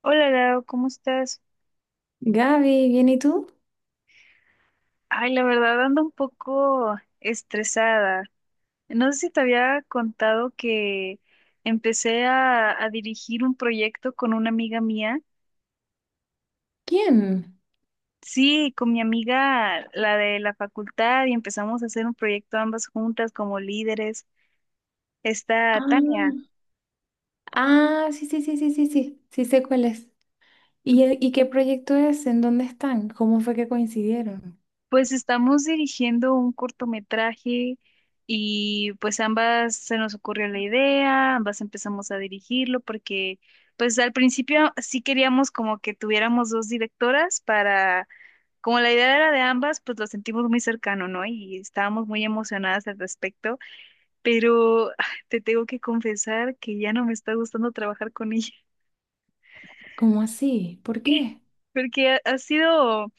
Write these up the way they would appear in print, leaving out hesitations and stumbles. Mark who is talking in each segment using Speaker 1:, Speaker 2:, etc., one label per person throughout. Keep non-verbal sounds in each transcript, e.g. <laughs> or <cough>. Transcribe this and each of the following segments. Speaker 1: Hola Lau, ¿cómo estás?
Speaker 2: Gaby, ¿bien y tú?
Speaker 1: Ay, la verdad ando un poco estresada. No sé si te había contado que empecé a dirigir un proyecto con una amiga mía.
Speaker 2: ¿Quién?
Speaker 1: Sí, con mi amiga, la de la facultad, y empezamos a hacer un proyecto ambas juntas como líderes. Está Tania.
Speaker 2: Ah, sí, sí, sí, sí, sí, sí, sí sé cuál es. ¿Y, y qué proyecto es? ¿En dónde están? ¿Cómo fue que coincidieron?
Speaker 1: Pues estamos dirigiendo un cortometraje y pues ambas se nos ocurrió la idea, ambas empezamos a dirigirlo porque pues al principio sí queríamos como que tuviéramos dos directoras para, como la idea era de ambas, pues lo sentimos muy cercano, ¿no? Y estábamos muy emocionadas al respecto, pero te tengo que confesar que ya no me está gustando trabajar con ella.
Speaker 2: ¿Cómo así? ¿Por
Speaker 1: <laughs>
Speaker 2: qué?
Speaker 1: Porque ha sido...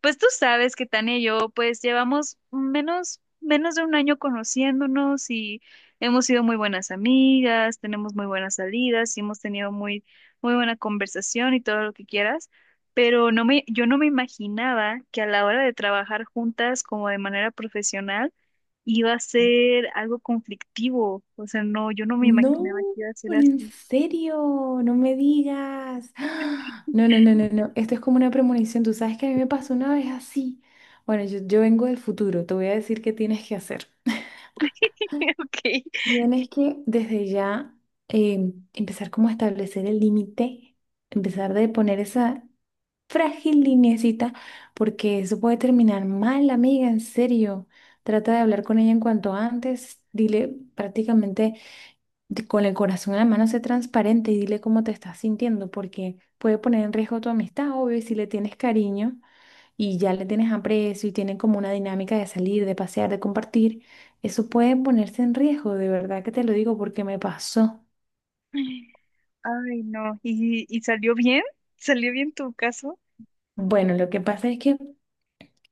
Speaker 1: Pues tú sabes que Tania y yo pues llevamos menos de un año conociéndonos y hemos sido muy buenas amigas, tenemos muy buenas salidas y hemos tenido muy buena conversación y todo lo que quieras, pero yo no me imaginaba que a la hora de trabajar juntas como de manera profesional iba a ser algo conflictivo. O sea, no, yo no me
Speaker 2: No,
Speaker 1: imaginaba que iba a ser
Speaker 2: en
Speaker 1: así.
Speaker 2: serio, no me digas. <gasps> ¡Ah! No, no, no, no, no. Esto es como una premonición. Tú sabes que a mí me pasó una vez así. Bueno, yo vengo del futuro. Te voy a decir qué tienes que hacer.
Speaker 1: <laughs> Ok.
Speaker 2: Tienes que desde ya empezar como a establecer el límite, empezar de poner esa frágil lineecita, porque eso puede terminar mal, amiga, en serio. Trata de hablar con ella en cuanto antes, dile prácticamente con el corazón en la mano, sé transparente y dile cómo te estás sintiendo, porque puede poner en riesgo tu amistad, obvio, y si le tienes cariño y ya le tienes aprecio y tienen como una dinámica de salir, de pasear, de compartir, eso puede ponerse en riesgo, de verdad que te lo digo porque me pasó.
Speaker 1: Ay, no. Y salió bien? ¿Salió bien tu caso?
Speaker 2: Bueno, lo que pasa es que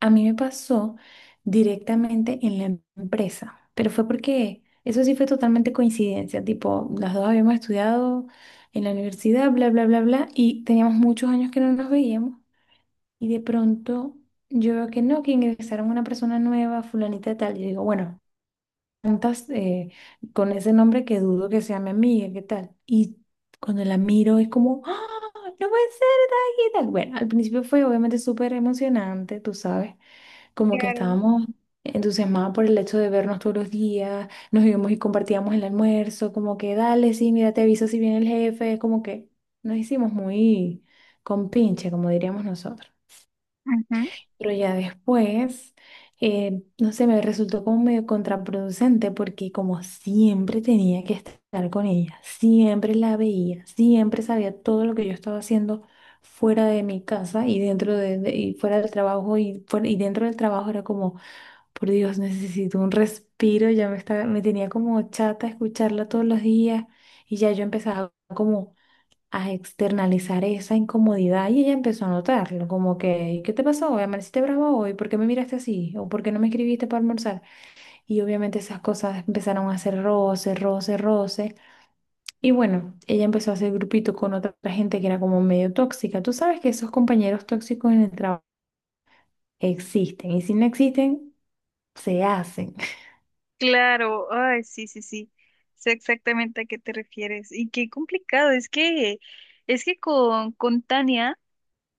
Speaker 2: a mí me pasó directamente en la empresa, pero fue porque eso sí fue totalmente coincidencia, tipo, las dos habíamos estudiado en la universidad, bla, bla, bla, bla, y teníamos muchos años que no nos veíamos y de pronto... Yo veo que no, que ingresaron una persona nueva, fulanita de tal. Y digo, bueno, preguntas con ese nombre que dudo que sea mi amiga, ¿qué tal? Y cuando la miro es como, ¡ah! No puede ser, ¿qué tal? Bueno, al principio fue obviamente súper emocionante, tú sabes, como que
Speaker 1: Claro,
Speaker 2: estábamos entusiasmados por el hecho de vernos todos los días, nos íbamos y compartíamos el almuerzo, como que dale, sí, mira, te aviso si viene el jefe, como que nos hicimos muy compinche, como diríamos nosotros.
Speaker 1: ujú,
Speaker 2: Pero ya después, no sé, me resultó como medio contraproducente porque como siempre tenía que estar con ella, siempre la veía, siempre sabía todo lo que yo estaba haciendo fuera de mi casa y y fuera del trabajo y, y dentro del trabajo era como, por Dios, necesito un respiro, me tenía como chata escucharla todos los días y ya yo empezaba como a externalizar esa incomodidad y ella empezó a notarlo, como que, ¿qué te pasó hoy? ¿Amaneciste bravo hoy? ¿Por qué me miraste así? ¿O por qué no me escribiste para almorzar? Y obviamente esas cosas empezaron a hacer roce, roce, roce. Y bueno, ella empezó a hacer grupito con otra gente que era como medio tóxica. Tú sabes que esos compañeros tóxicos en el trabajo existen y si no existen, se hacen.
Speaker 1: claro, ay, sí, sí, sí, sé exactamente a qué te refieres. Y qué complicado, es que con Tania.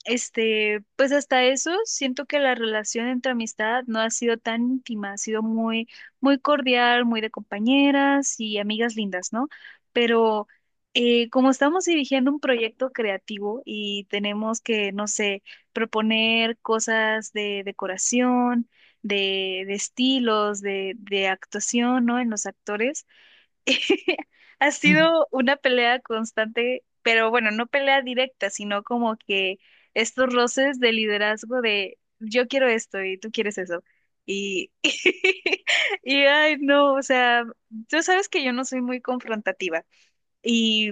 Speaker 1: Este, pues hasta eso, siento que la relación entre amistad no ha sido tan íntima, ha sido muy cordial, muy de compañeras y amigas lindas, ¿no? Pero como estamos dirigiendo un proyecto creativo y tenemos que, no sé, proponer cosas de decoración, de estilos, de actuación, ¿no? En los actores. <laughs> Ha
Speaker 2: <laughs>
Speaker 1: sido una pelea constante, pero bueno, no pelea directa, sino como que estos roces de liderazgo de yo quiero esto y tú quieres eso. Y, <laughs> y ay, no, o sea, tú sabes que yo no soy muy confrontativa y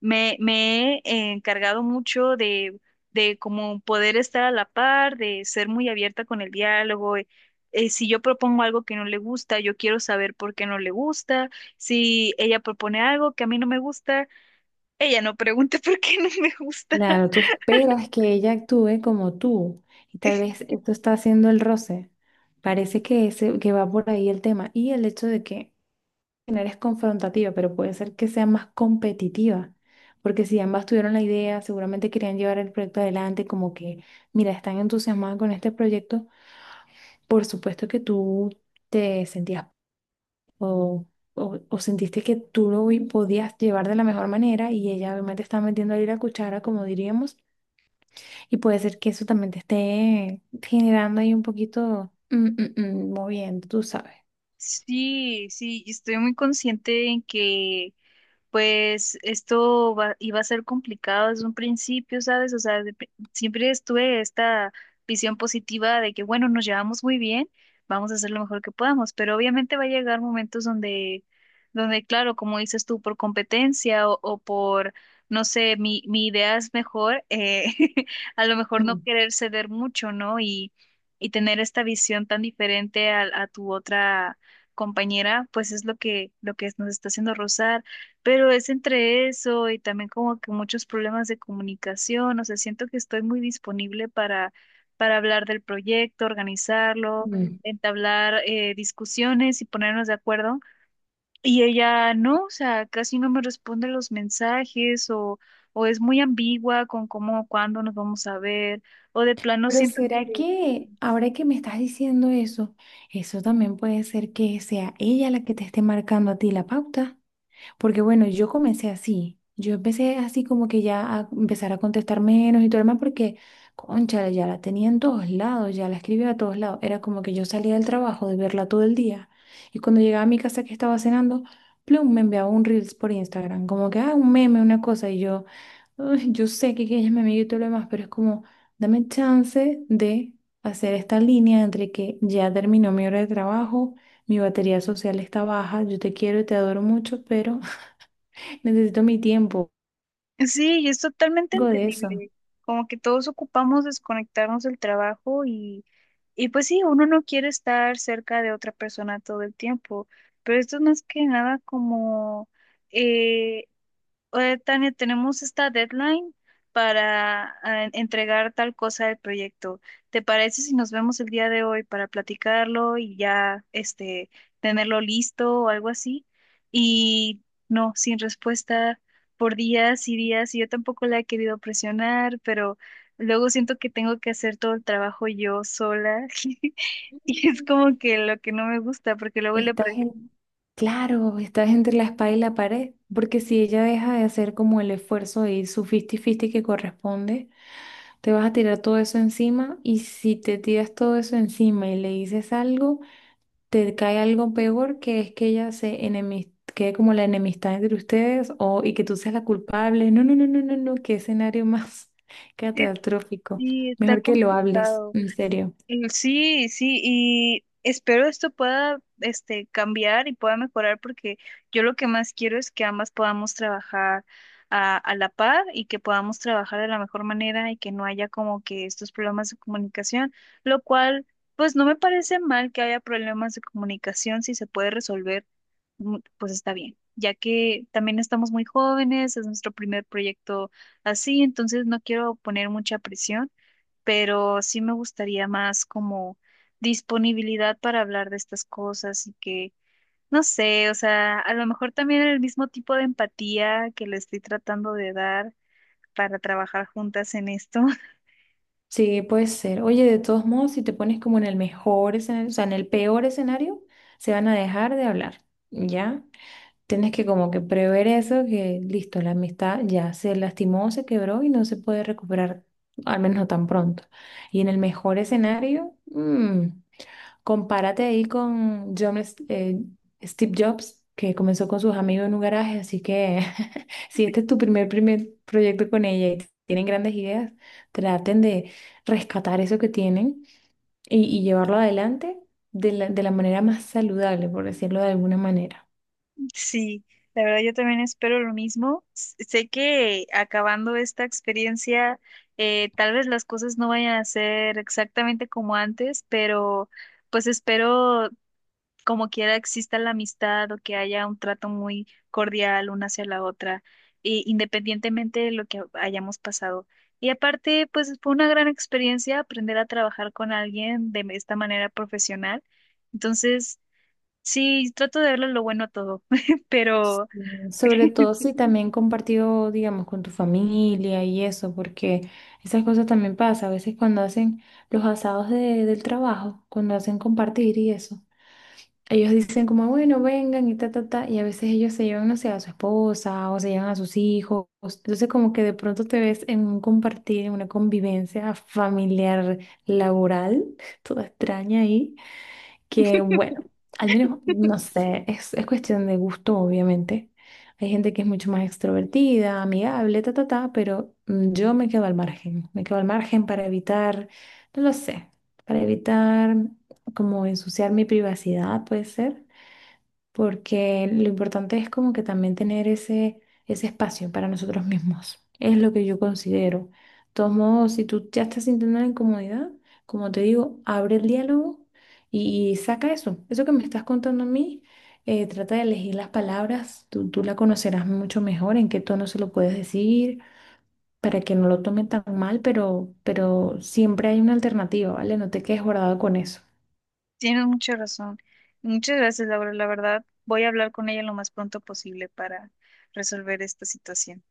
Speaker 1: me he encargado mucho de como poder estar a la par, de ser muy abierta con el diálogo. Si yo propongo algo que no le gusta, yo quiero saber por qué no le gusta. Si ella propone algo que a mí no me gusta, ella no pregunta <laughs> por qué no me gusta.
Speaker 2: Claro, tú esperas que ella actúe como tú y tal
Speaker 1: <laughs>
Speaker 2: vez esto está haciendo el roce. Parece que, ese, que va por ahí el tema y el hecho de que no eres confrontativa, pero puede ser que sea más competitiva, porque si ambas tuvieron la idea, seguramente querían llevar el proyecto adelante, como que, mira, están entusiasmadas con este proyecto, por supuesto que tú te sentías o, o sentiste que tú lo podías llevar de la mejor manera y ella obviamente está metiendo ahí la cuchara, como diríamos. Y puede ser que eso también te esté generando ahí un poquito moviendo, tú sabes.
Speaker 1: Sí, sí, y estoy muy consciente en que pues iba a ser complicado desde un principio, ¿sabes? O sea, siempre estuve esta visión positiva de que, bueno, nos llevamos muy bien, vamos a hacer lo mejor que podamos, pero obviamente va a llegar momentos donde claro, como dices tú, por competencia o por, no sé, mi idea es mejor, <laughs> a lo mejor no
Speaker 2: Mm.
Speaker 1: querer ceder mucho, ¿no? Y tener esta visión tan diferente a tu otra compañera, pues es lo que nos está haciendo rozar. Pero es entre eso y también como que muchos problemas de comunicación, o sea, siento que estoy muy disponible para hablar del proyecto, organizarlo,
Speaker 2: Mm.
Speaker 1: entablar discusiones y ponernos de acuerdo. Y ella no, o sea, casi no me responde los mensajes o es muy ambigua con cómo, cuándo nos vamos a ver, o de plano
Speaker 2: Pero
Speaker 1: siento que
Speaker 2: ¿será que ahora que me estás diciendo eso, eso también puede ser que sea ella la que te esté marcando a ti la pauta? Porque bueno, yo comencé así. Yo empecé así como que ya a empezar a contestar menos y todo lo demás porque, concha, ya la tenía en todos lados, ya la escribía a todos lados. Era como que yo salía del trabajo de verla todo el día. Y cuando llegaba a mi casa que estaba cenando, plum, me enviaba un Reels por Instagram. Como que, ah, un meme, una cosa. Y yo, "Ay, yo sé que ella es mi amiga y todo lo demás, pero es como, dame chance de hacer esta línea entre que ya terminó mi hora de trabajo. Mi batería social está baja, yo te quiero y te adoro mucho, pero necesito mi tiempo,
Speaker 1: sí, y es totalmente
Speaker 2: algo de eso.
Speaker 1: entendible. Como que todos ocupamos desconectarnos del trabajo y pues sí, uno no quiere estar cerca de otra persona todo el tiempo, pero esto es más que nada como eh, Tania, tenemos esta deadline para entregar tal cosa del proyecto. ¿Te parece si nos vemos el día de hoy para platicarlo y ya este tenerlo listo o algo así? Y no, sin respuesta por días y días, y yo tampoco la he querido presionar, pero luego siento que tengo que hacer todo el trabajo yo sola. <laughs> Y es
Speaker 2: Mm.
Speaker 1: como que lo que no me gusta, porque luego
Speaker 2: Estás en, claro, estás entre la espada y la pared, porque si ella deja de hacer como el esfuerzo y su 50-50 que corresponde, te vas a tirar todo eso encima y si te tiras todo eso encima y le dices algo, te cae algo peor que es que ella quede como la enemistad entre ustedes o y que tú seas la culpable. No, no, no, no, no, no, qué escenario más <laughs> catastrófico.
Speaker 1: sí, está
Speaker 2: Mejor que lo hables,
Speaker 1: complicado.
Speaker 2: en serio.
Speaker 1: Mm, sí, sí, y espero esto pueda, este, cambiar y pueda mejorar porque yo lo que más quiero es que ambas podamos trabajar a la par y que podamos trabajar de la mejor manera y que no haya como que estos problemas de comunicación, lo cual, pues no me parece mal que haya problemas de comunicación si se puede resolver, mm, pues está bien, ya que también estamos muy jóvenes, es nuestro primer proyecto así, entonces no quiero poner mucha presión pero sí me gustaría más como disponibilidad para hablar de estas cosas y que, no sé, o sea, a lo mejor también el mismo tipo de empatía que le estoy tratando de dar para trabajar juntas en esto. <laughs>
Speaker 2: Sí, puede ser. Oye, de todos modos, si te pones como en el mejor escenario, o sea, en el peor escenario, se van a dejar de hablar, ¿ya? Tienes que como que prever eso, que listo, la amistad ya se lastimó, se quebró y no se puede recuperar, al menos no tan pronto. Y en el mejor escenario, mm, compárate ahí con John, Steve Jobs, que comenzó con sus amigos en un garaje, así que <laughs> si este es tu primer proyecto con ella y tienen grandes ideas, traten de rescatar eso que tienen y llevarlo adelante de la manera más saludable, por decirlo de alguna manera.
Speaker 1: Sí, la verdad yo también espero lo mismo. Sé que acabando esta experiencia, tal vez las cosas no vayan a ser exactamente como antes, pero pues espero como quiera exista la amistad o que haya un trato muy cordial una hacia la otra, independientemente de lo que hayamos pasado. Y aparte, pues fue una gran experiencia aprender a trabajar con alguien de esta manera profesional. Entonces, sí, trato de verle lo bueno a todo, <laughs> pero
Speaker 2: Mm, sobre todo si también compartido, digamos, con tu familia y eso, porque esas cosas también pasan. A veces cuando hacen los asados del trabajo, cuando hacen compartir y eso. Ellos dicen como, bueno, vengan y ta, ta, ta, y a veces ellos se llevan, no sé, a su esposa o se llevan a sus hijos. Entonces como que de pronto te ves en un compartir, en una convivencia familiar, laboral, <laughs> toda extraña ahí, que bueno, al menos, no sé, es cuestión de gusto, obviamente. Hay gente que es mucho más extrovertida, amigable, ta, ta, ta, pero mm, yo me quedo al margen, me quedo al margen para evitar, no lo sé, para evitar como ensuciar mi privacidad, puede ser porque lo importante es como que también tener ese, ese espacio para nosotros mismos. Es lo que yo considero. De todos modos, si tú ya estás sintiendo la incomodidad, como te digo, abre el diálogo y saca eso. Eso que me estás contando a mí, trata de elegir las palabras. Tú la conocerás mucho mejor, en qué tono se lo puedes decir, para que no lo tome tan mal, pero siempre hay una alternativa, ¿vale? No te quedes guardado con eso.
Speaker 1: tienes mucha razón. Muchas gracias, Laura. La verdad, voy a hablar con ella lo más pronto posible para resolver esta situación.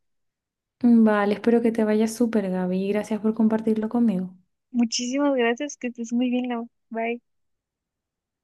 Speaker 2: Vale, espero que te vaya súper, Gaby. Y gracias por compartirlo conmigo.
Speaker 1: Muchísimas gracias, que estés muy bien, Laura. Bye.